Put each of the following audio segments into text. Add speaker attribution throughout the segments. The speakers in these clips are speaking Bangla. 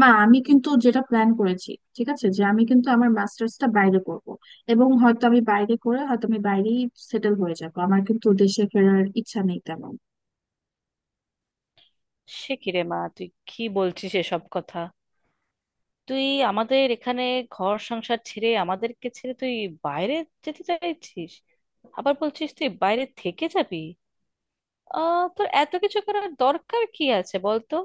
Speaker 1: মা, আমি কিন্তু যেটা প্ল্যান করেছি, ঠিক আছে, যে আমি কিন্তু আমার মাস্টার্সটা বাইরে করব এবং হয়তো আমি বাইরে করে হয়তো আমি বাইরেই সেটেল হয়ে যাব। আমার কিন্তু দেশে ফেরার ইচ্ছা নেই তেমন।
Speaker 2: সে কি রে মা, তুই কি বলছিস এসব কথা? তুই আমাদের এখানে ঘর সংসার ছেড়ে, আমাদেরকে ছেড়ে তুই বাইরে যেতে চাইছিস? আবার বলছিস তুই বাইরে থেকে যাবি? আহ, তোর এত কিছু করার দরকার কি আছে বলতো?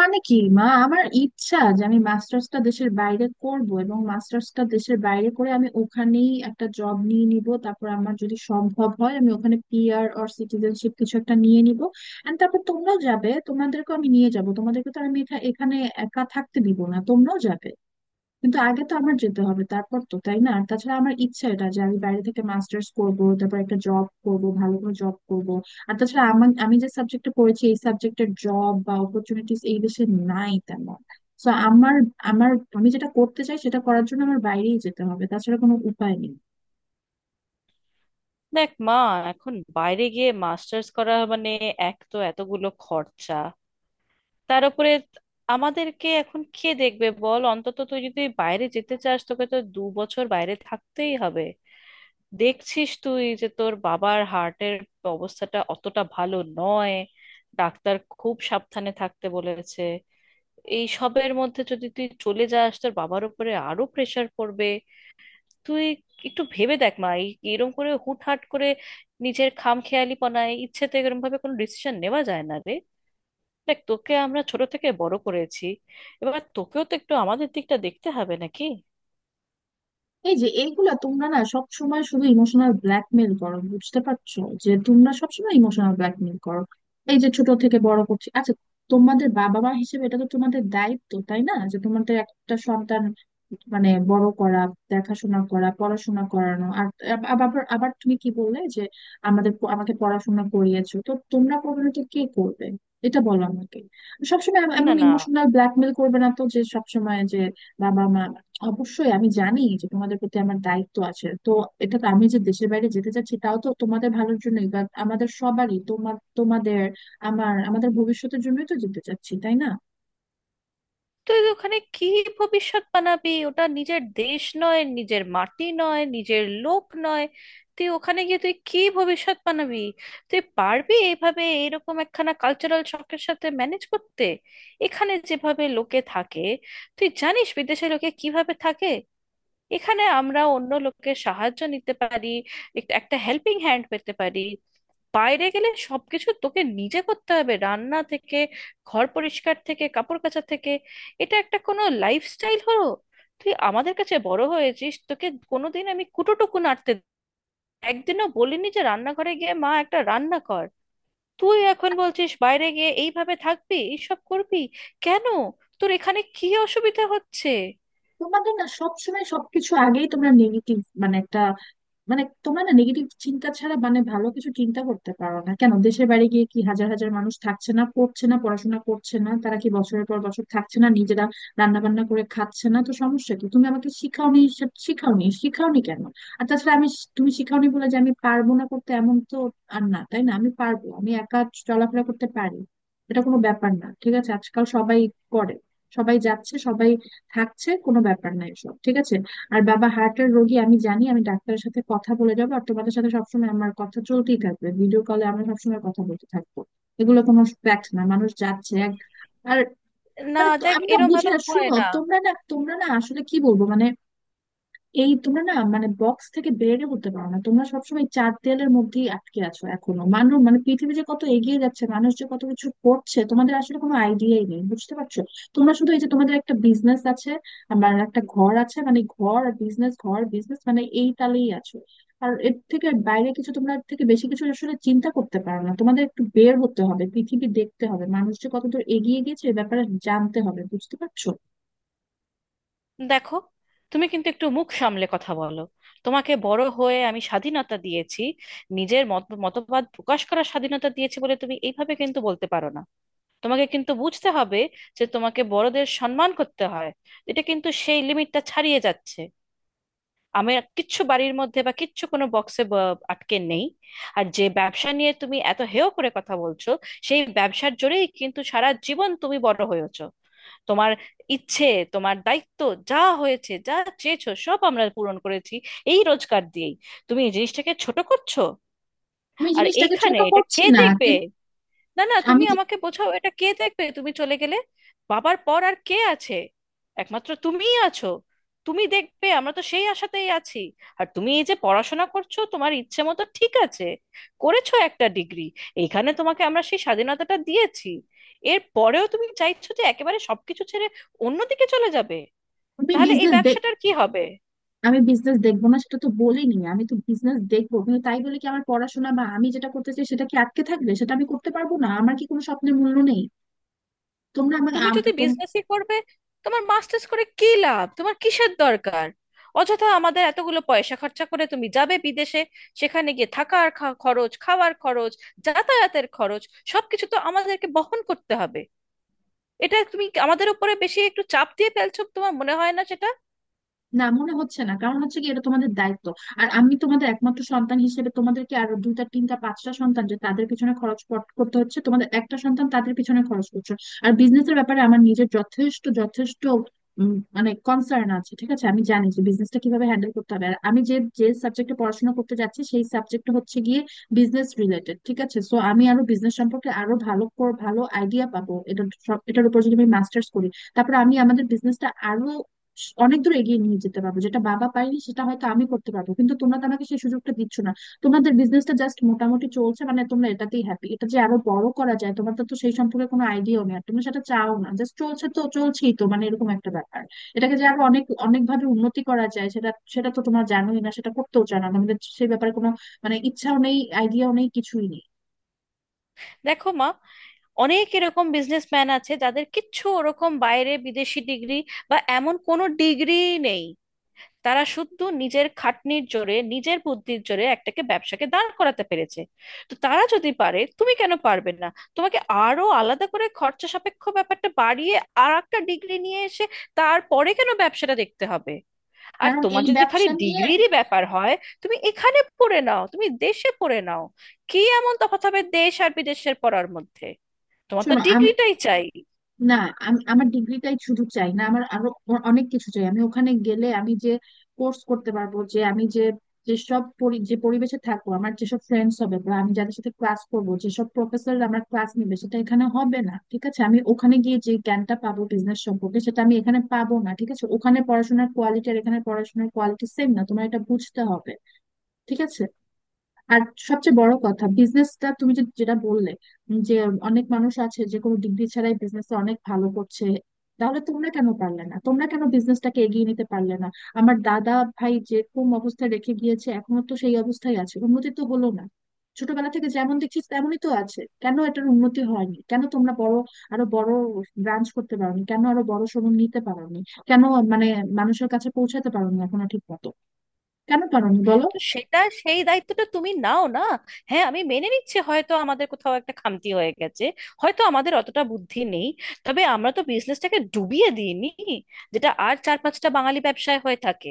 Speaker 1: মানে কি মা, আমার ইচ্ছা যে আমি মাস্টার্সটা দেশের বাইরে করব এবং মাস্টার্সটা দেশের বাইরে করে আমি ওখানেই একটা জব নিয়ে নিব, তারপর আমার যদি সম্ভব হয় আমি ওখানে পিআর অর সিটিজেনশিপ কিছু একটা নিয়ে নিব। এন্ড তারপর তোমরাও যাবে, তোমাদেরকেও আমি নিয়ে যাব, তোমাদেরকে তো আর আমি এখানে একা থাকতে দিব না, তোমরাও যাবে। কিন্তু আগে তো আমার যেতে হবে তারপর তো, তাই না? আর তাছাড়া আমার ইচ্ছা এটা যে আমি বাইরে থেকে মাস্টার্স করব, তারপর একটা জব করব, ভালো করে জব করব। আর তাছাড়া আমার, আমি যে সাবজেক্টে পড়েছি এই সাবজেক্টের জব বা অপরচুনিটিস এই দেশে নাই তেমন। তো আমার, আমার, আমি যেটা করতে চাই সেটা করার জন্য আমার বাইরেই যেতে হবে, তাছাড়া কোনো উপায় নেই।
Speaker 2: দেখ মা, এখন বাইরে গিয়ে মাস্টার্স করা মানে এক তো এতগুলো খরচা, তার উপরে আমাদেরকে এখন কে দেখবে বল? অন্তত তুই যদি বাইরে যেতে চাস, তোকে তো 2 বছর বাইরে থাকতেই হবে। দেখছিস তুই যে তোর বাবার হার্টের অবস্থাটা অতটা ভালো নয়, ডাক্তার খুব সাবধানে থাকতে বলেছে। এই সবের মধ্যে যদি তুই চলে যাস, তোর বাবার উপরে আরো প্রেশার পড়বে। তুই একটু ভেবে দেখ মা, এরম করে হুটহাট করে নিজের খামখেয়ালিপনায় ইচ্ছেতে এরম ভাবে কোনো ডিসিশন নেওয়া যায় না রে। দেখ, তোকে আমরা ছোট থেকে বড় করেছি, এবার তোকেও তো একটু আমাদের দিকটা দেখতে হবে নাকি?
Speaker 1: এই যে এইগুলা তোমরা না সব সময় শুধু ইমোশনাল ব্ল্যাকমেল করো, বুঝতে পারছো? যে তোমরা সবসময় ইমোশনাল ব্ল্যাকমেল করো। এই যে ছোট থেকে বড় করছি, আচ্ছা, তোমাদের বাবা মা হিসেবে এটা তো তোমাদের দায়িত্ব, তাই না? যে তোমাদের একটা সন্তান, মানে, বড় করা, দেখাশোনা করা, পড়াশোনা করানো। আর আব- আব- আবার আবার তুমি কি বললে যে আমাকে পড়াশোনা করিয়েছো তো তোমরা, করবে না তো কে করবে? এটা বলো আমাকে। সবসময়
Speaker 2: না
Speaker 1: এমন
Speaker 2: না
Speaker 1: ইমোশনাল ব্ল্যাকমেল করবে না তো যে সবসময় যে বাবা মা। অবশ্যই আমি জানি যে তোমাদের প্রতি আমার দায়িত্ব আছে, তো এটা তো, আমি যে দেশের বাইরে যেতে চাচ্ছি তাও তো তোমাদের ভালোর জন্যই বা আমাদের সবারই, তোমার তোমাদের আমার আমাদের ভবিষ্যতের জন্যই তো যেতে চাচ্ছি, তাই না?
Speaker 2: তুই ওখানে কি ভবিষ্যৎ বানাবি? ওটা নিজের দেশ নয়, নিজের মাটি নয়, নিজের লোক নয়। তুই ওখানে গিয়ে তুই কি ভবিষ্যৎ বানাবি? তুই পারবি এভাবে এরকম একখানা কালচারাল শকের সাথে ম্যানেজ করতে? এখানে যেভাবে লোকে থাকে, তুই জানিস বিদেশে লোকে কিভাবে থাকে? এখানে আমরা অন্য লোকের সাহায্য নিতে পারি, একটা হেল্পিং হ্যান্ড পেতে পারি। বাইরে গেলে সবকিছু তোকে নিজে করতে হবে, রান্না থেকে ঘর পরিষ্কার থেকে কাপড় কাচা থেকে। এটা একটা কোনো লাইফস্টাইল হলো? তুই আমাদের কাছে বড় হয়েছিস, তোকে কোনোদিন আমি কুটোটুকু নাড়তে একদিনও বলিনি যে রান্নাঘরে গিয়ে মা একটা রান্না কর। তুই এখন বলছিস বাইরে গিয়ে এইভাবে থাকবি, এইসব করবি? কেন? তোর এখানে কি অসুবিধা হচ্ছে?
Speaker 1: তোমাদের না সবসময় সবকিছু আগেই তোমরা নেগেটিভ, মানে একটা, মানে তোমরা না নেগেটিভ চিন্তা ছাড়া, মানে, ভালো কিছু চিন্তা করতে পারো না কেন? দেশের বাইরে গিয়ে কি হাজার হাজার মানুষ থাকছে না? পড়ছে না? পড়াশোনা করছে না? তারা কি বছরের পর বছর থাকছে না, নিজেরা রান্না বান্না করে খাচ্ছে না? তো সমস্যা কি? তুমি আমাকে শিখাওনি, শিখাওনি কেন? আর তাছাড়া তুমি শিখাওনি বলে যে আমি পারবো না করতে এমন তো আর না, তাই না? আমি পারবো, আমি একা চলাফেরা করতে পারি। এটা কোনো ব্যাপার না, ঠিক আছে? আজকাল সবাই করে, সবাই যাচ্ছে, সবাই থাকছে, কোনো ব্যাপার না এসব, ঠিক আছে? আর বাবা হার্টের রোগী আমি জানি, আমি ডাক্তারের সাথে কথা বলে যাবো, আর তোমাদের সাথে সবসময় আমার কথা চলতেই থাকবে, ভিডিও কলে আমরা সবসময় কথা বলতে থাকবো। এগুলো কোনো ফ্যাক্ট না, মানুষ যাচ্ছে আর,
Speaker 2: না, দেখ,
Speaker 1: আমি না
Speaker 2: এরম
Speaker 1: বুঝি
Speaker 2: ভাবে
Speaker 1: না,
Speaker 2: হয়
Speaker 1: শুনো,
Speaker 2: না।
Speaker 1: তোমরা না, তোমরা না, আসলে কি বলবো, মানে, এই তোমরা না, মানে, বক্স থেকে বেরে উঠতে পারো না, তোমরা সবসময় চার দেয়ালের মধ্যেই আটকে আছো এখনো। মানুষ, মানে, পৃথিবী যে কত এগিয়ে যাচ্ছে, মানুষ যে কত কিছু করছে, তোমাদের আসলে কোনো আইডিয়াই নেই, বুঝতে পারছো? তোমরা শুধু এই যে তোমাদের একটা বিজনেস আছে, আমার একটা ঘর আছে, মানে, ঘর আর বিজনেস, ঘর বিজনেস, মানে এই তালেই আছো। আর এর থেকে বাইরে কিছু, তোমরা এর থেকে বেশি কিছু আসলে চিন্তা করতে পারো না। তোমাদের একটু বের হতে হবে, পৃথিবী দেখতে হবে, মানুষ যে কতদূর এগিয়ে গেছে এ ব্যাপারে জানতে হবে, বুঝতে পারছো?
Speaker 2: দেখো, তুমি কিন্তু একটু মুখ সামলে কথা বলো। তোমাকে বড় হয়ে আমি স্বাধীনতা দিয়েছি, নিজের মত মতবাদ প্রকাশ করার স্বাধীনতা দিয়েছি বলে তুমি এইভাবে কিন্তু বলতে পারো না। তোমাকে কিন্তু বুঝতে হবে যে তোমাকে বড়দের সম্মান করতে হয়। এটা কিন্তু সেই লিমিটটা ছাড়িয়ে যাচ্ছে। আমি কিচ্ছু বাড়ির মধ্যে বা কিচ্ছু কোনো বক্সে আটকে নেই। আর যে ব্যবসা নিয়ে তুমি এত হেয় করে কথা বলছো, সেই ব্যবসার জোরেই কিন্তু সারা জীবন তুমি বড় হয়েছো। তোমার ইচ্ছে, তোমার দায়িত্ব, যা হয়েছে, যা চেয়েছো সব আমরা পূরণ করেছি এই রোজগার দিয়েই। তুমি এই জিনিসটাকে ছোট করছো।
Speaker 1: আমি
Speaker 2: আর
Speaker 1: জিনিসটাকে
Speaker 2: এইখানে
Speaker 1: ছোট
Speaker 2: এটা
Speaker 1: করছি
Speaker 2: কে
Speaker 1: না,
Speaker 2: দেখবে?
Speaker 1: কিন্তু
Speaker 2: না না তুমি
Speaker 1: আমি
Speaker 2: আমাকে বোঝাও, এটা কে দেখবে তুমি চলে গেলে? বাবার পর আর কে আছে? একমাত্র তুমিই আছো, তুমি দেখবে, আমরা তো সেই আশাতেই আছি। আর তুমি এই যে পড়াশোনা করছো তোমার ইচ্ছে মতো, ঠিক আছে, করেছো একটা ডিগ্রি, এখানে তোমাকে আমরা সেই স্বাধীনতাটা দিয়েছি। এর পরেও তুমি চাইছো যে একেবারে সবকিছু ছেড়ে অন্যদিকে চলে যাবে?
Speaker 1: আমি
Speaker 2: তাহলে এই
Speaker 1: বিজনেস দেখ,
Speaker 2: ব্যবসাটার কি হবে?
Speaker 1: আমি বিজনেস দেখবো না সেটা তো বলিনি, আমি তো বিজনেস দেখবো, কিন্তু তাই বলে কি আমার পড়াশোনা বা আমি যেটা করতে চাই সেটা কি আটকে থাকবে? সেটা আমি করতে পারবো না? আমার কি কোনো স্বপ্নের মূল্য নেই? তোমরা আমাকে।
Speaker 2: তুমি যদি বিজনেসই করবে, তোমার মাস্টার্স করে কি লাভ? তোমার কিসের দরকার অযথা আমাদের এতগুলো পয়সা খরচা করে তুমি যাবে বিদেশে? সেখানে গিয়ে থাকার খরচ, খাওয়ার খরচ, যাতায়াতের খরচ, সবকিছু তো আমাদেরকে বহন করতে হবে। এটা তুমি আমাদের উপরে বেশি একটু চাপ দিয়ে ফেলছো, তোমার মনে হয় না সেটা?
Speaker 1: না, মনে হচ্ছে না, কারণ হচ্ছে কি, এটা তোমাদের দায়িত্ব। আর আমি তোমাদের একমাত্র সন্তান হিসেবে, তোমাদেরকে আরো দুইটা তিনটা পাঁচটা সন্তান যে তাদের পিছনে খরচ করতে হচ্ছে, তোমাদের একটা সন্তান, তাদের পিছনে খরচ করছো। আর বিজনেসের ব্যাপারে আমার নিজের যথেষ্ট যথেষ্ট মানে কনসার্ন আছে, ঠিক আছে? আমি জানি যে বিজনেসটা কিভাবে হ্যান্ডেল করতে হবে, আর আমি যে যে সাবজেক্টে পড়াশোনা করতে যাচ্ছি সেই সাবজেক্ট হচ্ছে গিয়ে বিজনেস রিলেটেড, ঠিক আছে? সো আমি আরো বিজনেস সম্পর্কে আরো ভালো ভালো আইডিয়া পাবো এটা, এটার উপর যদি আমি মাস্টার্স করি। তারপর আমি আমাদের বিজনেসটা আরো অনেক দূর এগিয়ে নিয়ে যেতে পারবো, যেটা বাবা পারেনি সেটা হয়তো আমি করতে পারবো, কিন্তু তোমরা তো আমাকে সেই সুযোগটা দিচ্ছ না। তোমাদের বিজনেসটা জাস্ট মোটামুটি চলছে, মানে তোমরা এটাতেই হ্যাপি। এটা যে আরো বড় করা যায় তোমার তো তো সেই সম্পর্কে কোনো আইডিয়াও নেই, আর তোমরা সেটা চাও না, জাস্ট চলছে তো চলছেই, তো মানে এরকম একটা ব্যাপার। এটাকে যে আরো অনেক অনেক ভাবে উন্নতি করা যায় সেটা সেটা তো তোমরা জানোই না, সেটা করতেও জানো না, আমাদের সেই ব্যাপারে কোনো, মানে, ইচ্ছাও নেই, আইডিয়াও নেই, কিছুই নেই।
Speaker 2: দেখো মা, অনেক এরকম বিজনেসম্যান আছে যাদের কিচ্ছু ওরকম বাইরে বিদেশি ডিগ্রি বা এমন কোনো ডিগ্রি নেই, তারা শুধু নিজের খাটনির জোরে, নিজের বুদ্ধির জোরে একটাকে ব্যবসাকে দাঁড় করাতে পেরেছে। তো তারা যদি পারে, তুমি কেন পারবে না? তোমাকে আরো আলাদা করে খরচা সাপেক্ষ ব্যাপারটা বাড়িয়ে আর একটা ডিগ্রি নিয়ে এসে তারপরে কেন ব্যবসাটা দেখতে হবে? আর
Speaker 1: কারণ
Speaker 2: তোমার
Speaker 1: এই
Speaker 2: যদি খালি
Speaker 1: ব্যবসা নিয়ে
Speaker 2: ডিগ্রিরই ব্যাপার হয়, তুমি এখানে পড়ে নাও, তুমি দেশে পড়ে নাও। কি এমন তফাৎ হবে দেশ আর বিদেশের পড়ার মধ্যে? তোমার তো
Speaker 1: শোনো, আমি,
Speaker 2: ডিগ্রিটাই চাই।
Speaker 1: না, আমি আমার ডিগ্রিটাই শুধু চাই না, আমার আরো অনেক কিছু চাই। আমি ওখানে গেলে আমি যে কোর্স করতে পারবো, যে আমি যে যে পরিবেশে থাকবো, আমার যেসব ফ্রেন্ডস হবে, বা আমি যাদের সাথে ক্লাস করবো, যেসব প্রফেসর আমার ক্লাস নেবে, সেটা এখানে হবে না, ঠিক আছে? আমি ওখানে গিয়ে যে জ্ঞানটা পাবো বিজনেস সম্পর্কে সেটা আমি এখানে পাবো না, ঠিক আছে? ওখানে পড়াশোনার কোয়ালিটি আর এখানে পড়াশোনার কোয়ালিটি সেম না, তোমার এটা বুঝতে হবে, ঠিক আছে? আর সবচেয়ে বড় কথা, বিজনেসটা তুমি যেটা বললে যে অনেক মানুষ আছে যে কোনো ডিগ্রি ছাড়াই বিজনেসে অনেক ভালো করছে, তাহলে তোমরা কেন পারলে না? তোমরা কেন বিজনেসটাকে এগিয়ে নিতে পারলে না? আমার দাদা ভাই যেরকম অবস্থায় রেখে গিয়েছে এখনো তো সেই অবস্থায় আছে, উন্নতি তো হলো না। ছোটবেলা থেকে যেমন দেখছি তেমনই তো আছে, কেন এটার উন্নতি হয়নি? কেন তোমরা বড়, আরো বড় ব্রাঞ্চ করতে পারোনি? কেন আরো বড় শোরুম নিতে পারোনি? কেন, মানে, মানুষের কাছে পৌঁছাতে পারোনি এখনো ঠিক মতো? কেন পারোনি বলো?
Speaker 2: তো সেটা সেই দায়িত্বটা তুমি নাও না। হ্যাঁ, আমি মেনে নিচ্ছি হয়তো আমাদের কোথাও একটা খামতি হয়ে গেছে, হয়তো আমাদের অতটা বুদ্ধি নেই, তবে আমরা তো বিজনেসটাকে ডুবিয়ে দিইনি, যেটা আর 4-5টা বাঙালি ব্যবসায় হয়ে থাকে।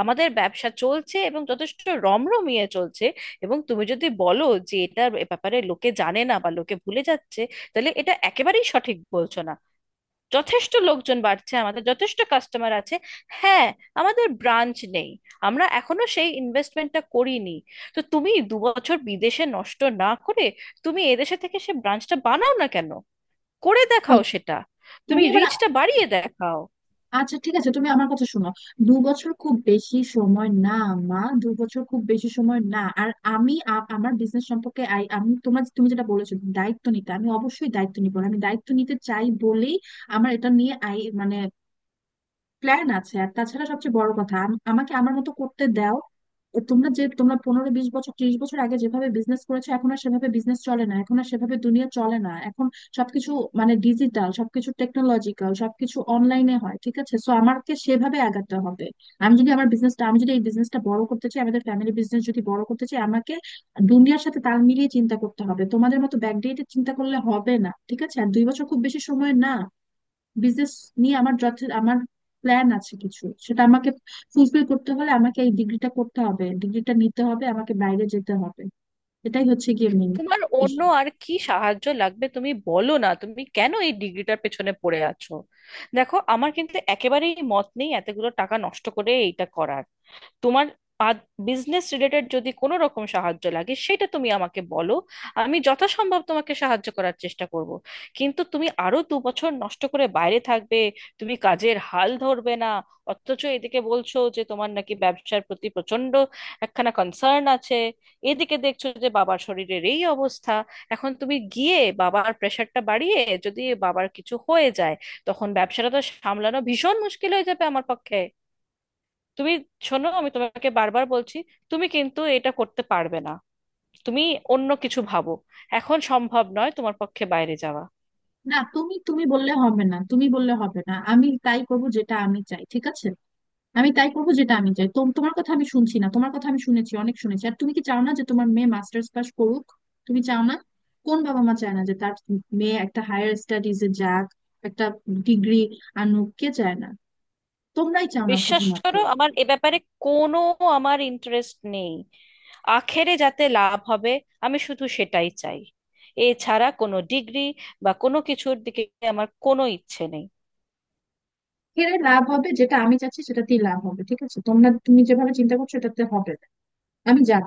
Speaker 2: আমাদের ব্যবসা চলছে, এবং যথেষ্ট রমরমিয়ে চলছে। এবং তুমি যদি বলো যে এটার ব্যাপারে লোকে জানে না বা লোকে ভুলে যাচ্ছে, তাহলে এটা একেবারেই সঠিক বলছো না। যথেষ্ট লোকজন বাড়ছে, আমাদের যথেষ্ট কাস্টমার আছে। হ্যাঁ, আমাদের ব্রাঞ্চ নেই, আমরা এখনো সেই ইনভেস্টমেন্টটা করিনি। তো তুমি 2 বছর বিদেশে নষ্ট না করে তুমি এদেশে থেকে সে ব্রাঞ্চটা বানাও না কেন? করে
Speaker 1: ও,
Speaker 2: দেখাও সেটা। তুমি
Speaker 1: তুমি এবার,
Speaker 2: রিচটা বাড়িয়ে দেখাও।
Speaker 1: আচ্ছা ঠিক আছে, তুমি আমার কথা শোনো। 2 বছর খুব বেশি সময় না, মা, 2 বছর খুব বেশি সময় না। আর আমি, আমার বিজনেস সম্পর্কে, আমি তোমার, তুমি যেটা বলেছো দায়িত্ব নিতে, আমি অবশ্যই দায়িত্ব নিবো, আমি দায়িত্ব নিতে চাই বলেই আমার এটা নিয়ে, আই মানে, প্ল্যান আছে। আর তাছাড়া সবচেয়ে বড় কথা, আমাকে আমার মতো করতে দাও। তোমরা যে তোমরা 15 20 বছর 30 বছর আগে যেভাবে বিজনেস করেছো এখন আর সেভাবে বিজনেস চলে না, এখন আর সেভাবে দুনিয়া চলে না। এখন সবকিছু, মানে, ডিজিটাল সবকিছু, টেকনোলজিক্যাল সবকিছু অনলাইনে হয়, ঠিক আছে? সো আমাকে সেভাবে আগাতে হবে। আমি যদি আমার বিজনেসটা, আমি যদি এই বিজনেসটা বড় করতে চাই, আমাদের ফ্যামিলি বিজনেস যদি বড় করতে চাই, আমাকে দুনিয়ার সাথে তাল মিলিয়ে চিন্তা করতে হবে, তোমাদের মতো ব্যাকডেটে চিন্তা করলে হবে না, ঠিক আছে? আর 2 বছর খুব বেশি সময় না। বিজনেস নিয়ে আমার যথে, আমার প্ল্যান আছে কিছু, সেটা আমাকে ফুলফিল করতে হলে আমাকে এই ডিগ্রিটা করতে হবে, ডিগ্রিটা নিতে হবে, আমাকে বাইরে যেতে হবে। এটাই হচ্ছে গিয়ে মেন
Speaker 2: তোমার অন্য
Speaker 1: ইস্যু।
Speaker 2: আর কি সাহায্য লাগবে তুমি বলো না, তুমি কেন এই ডিগ্রিটার পেছনে পড়ে আছো? দেখো, আমার কিন্তু একেবারেই মত নেই এতগুলো টাকা নষ্ট করে এইটা করার। তোমার বিজনেস রিলেটেড যদি কোনো রকম সাহায্য লাগে, সেটা তুমি আমাকে বলো, আমি যথাসম্ভব তোমাকে সাহায্য করার চেষ্টা করব। কিন্তু তুমি আরো 2 বছর নষ্ট করে বাইরে থাকবে, তুমি কাজের হাল ধরবে না, অথচ এদিকে বলছো যে তোমার নাকি ব্যবসার প্রতি প্রচন্ড একখানা কনসার্ন আছে। এদিকে দেখছো যে বাবার শরীরের এই অবস্থা, এখন তুমি গিয়ে বাবার প্রেশারটা বাড়িয়ে যদি বাবার কিছু হয়ে যায়, তখন ব্যবসাটা তো সামলানো ভীষণ মুশকিল হয়ে যাবে আমার পক্ষে। তুমি শোনো, আমি তোমাকে বারবার বলছি, তুমি কিন্তু এটা করতে পারবে না। তুমি অন্য কিছু ভাবো, এখন সম্ভব নয় তোমার পক্ষে বাইরে যাওয়া।
Speaker 1: না, তুমি, তুমি বললে হবে না, তুমি বললে হবে না, আমি তাই করব যেটা আমি চাই, ঠিক আছে? আমি তাই করব যেটা আমি চাই, তোমার কথা আমি শুনছি না, তোমার কথা আমি শুনেছি, অনেক শুনেছি। আর তুমি কি চাও না যে তোমার মেয়ে মাস্টার্স পাস করুক? তুমি চাও না? কোন বাবা মা চায় না যে তার মেয়ে একটা হায়ার স্টাডিজে যাক, একটা ডিগ্রি আনুক? কে চায় না? তোমরাই চাও না
Speaker 2: বিশ্বাস
Speaker 1: শুধুমাত্র।
Speaker 2: করো, আমার এ ব্যাপারে কোনো, আমার ইন্টারেস্ট নেই। আখেরে যাতে লাভ হবে আমি শুধু সেটাই চাই। এছাড়া কোনো ডিগ্রি বা কোনো কিছুর দিকে আমার কোনো ইচ্ছে নেই।
Speaker 1: এর লাভ হবে, যেটা আমি চাচ্ছি সেটাতেই লাভ হবে, ঠিক আছে? তোমরা, তুমি যেভাবে চিন্তা করছো এটাতে হবে না। আমি যাব।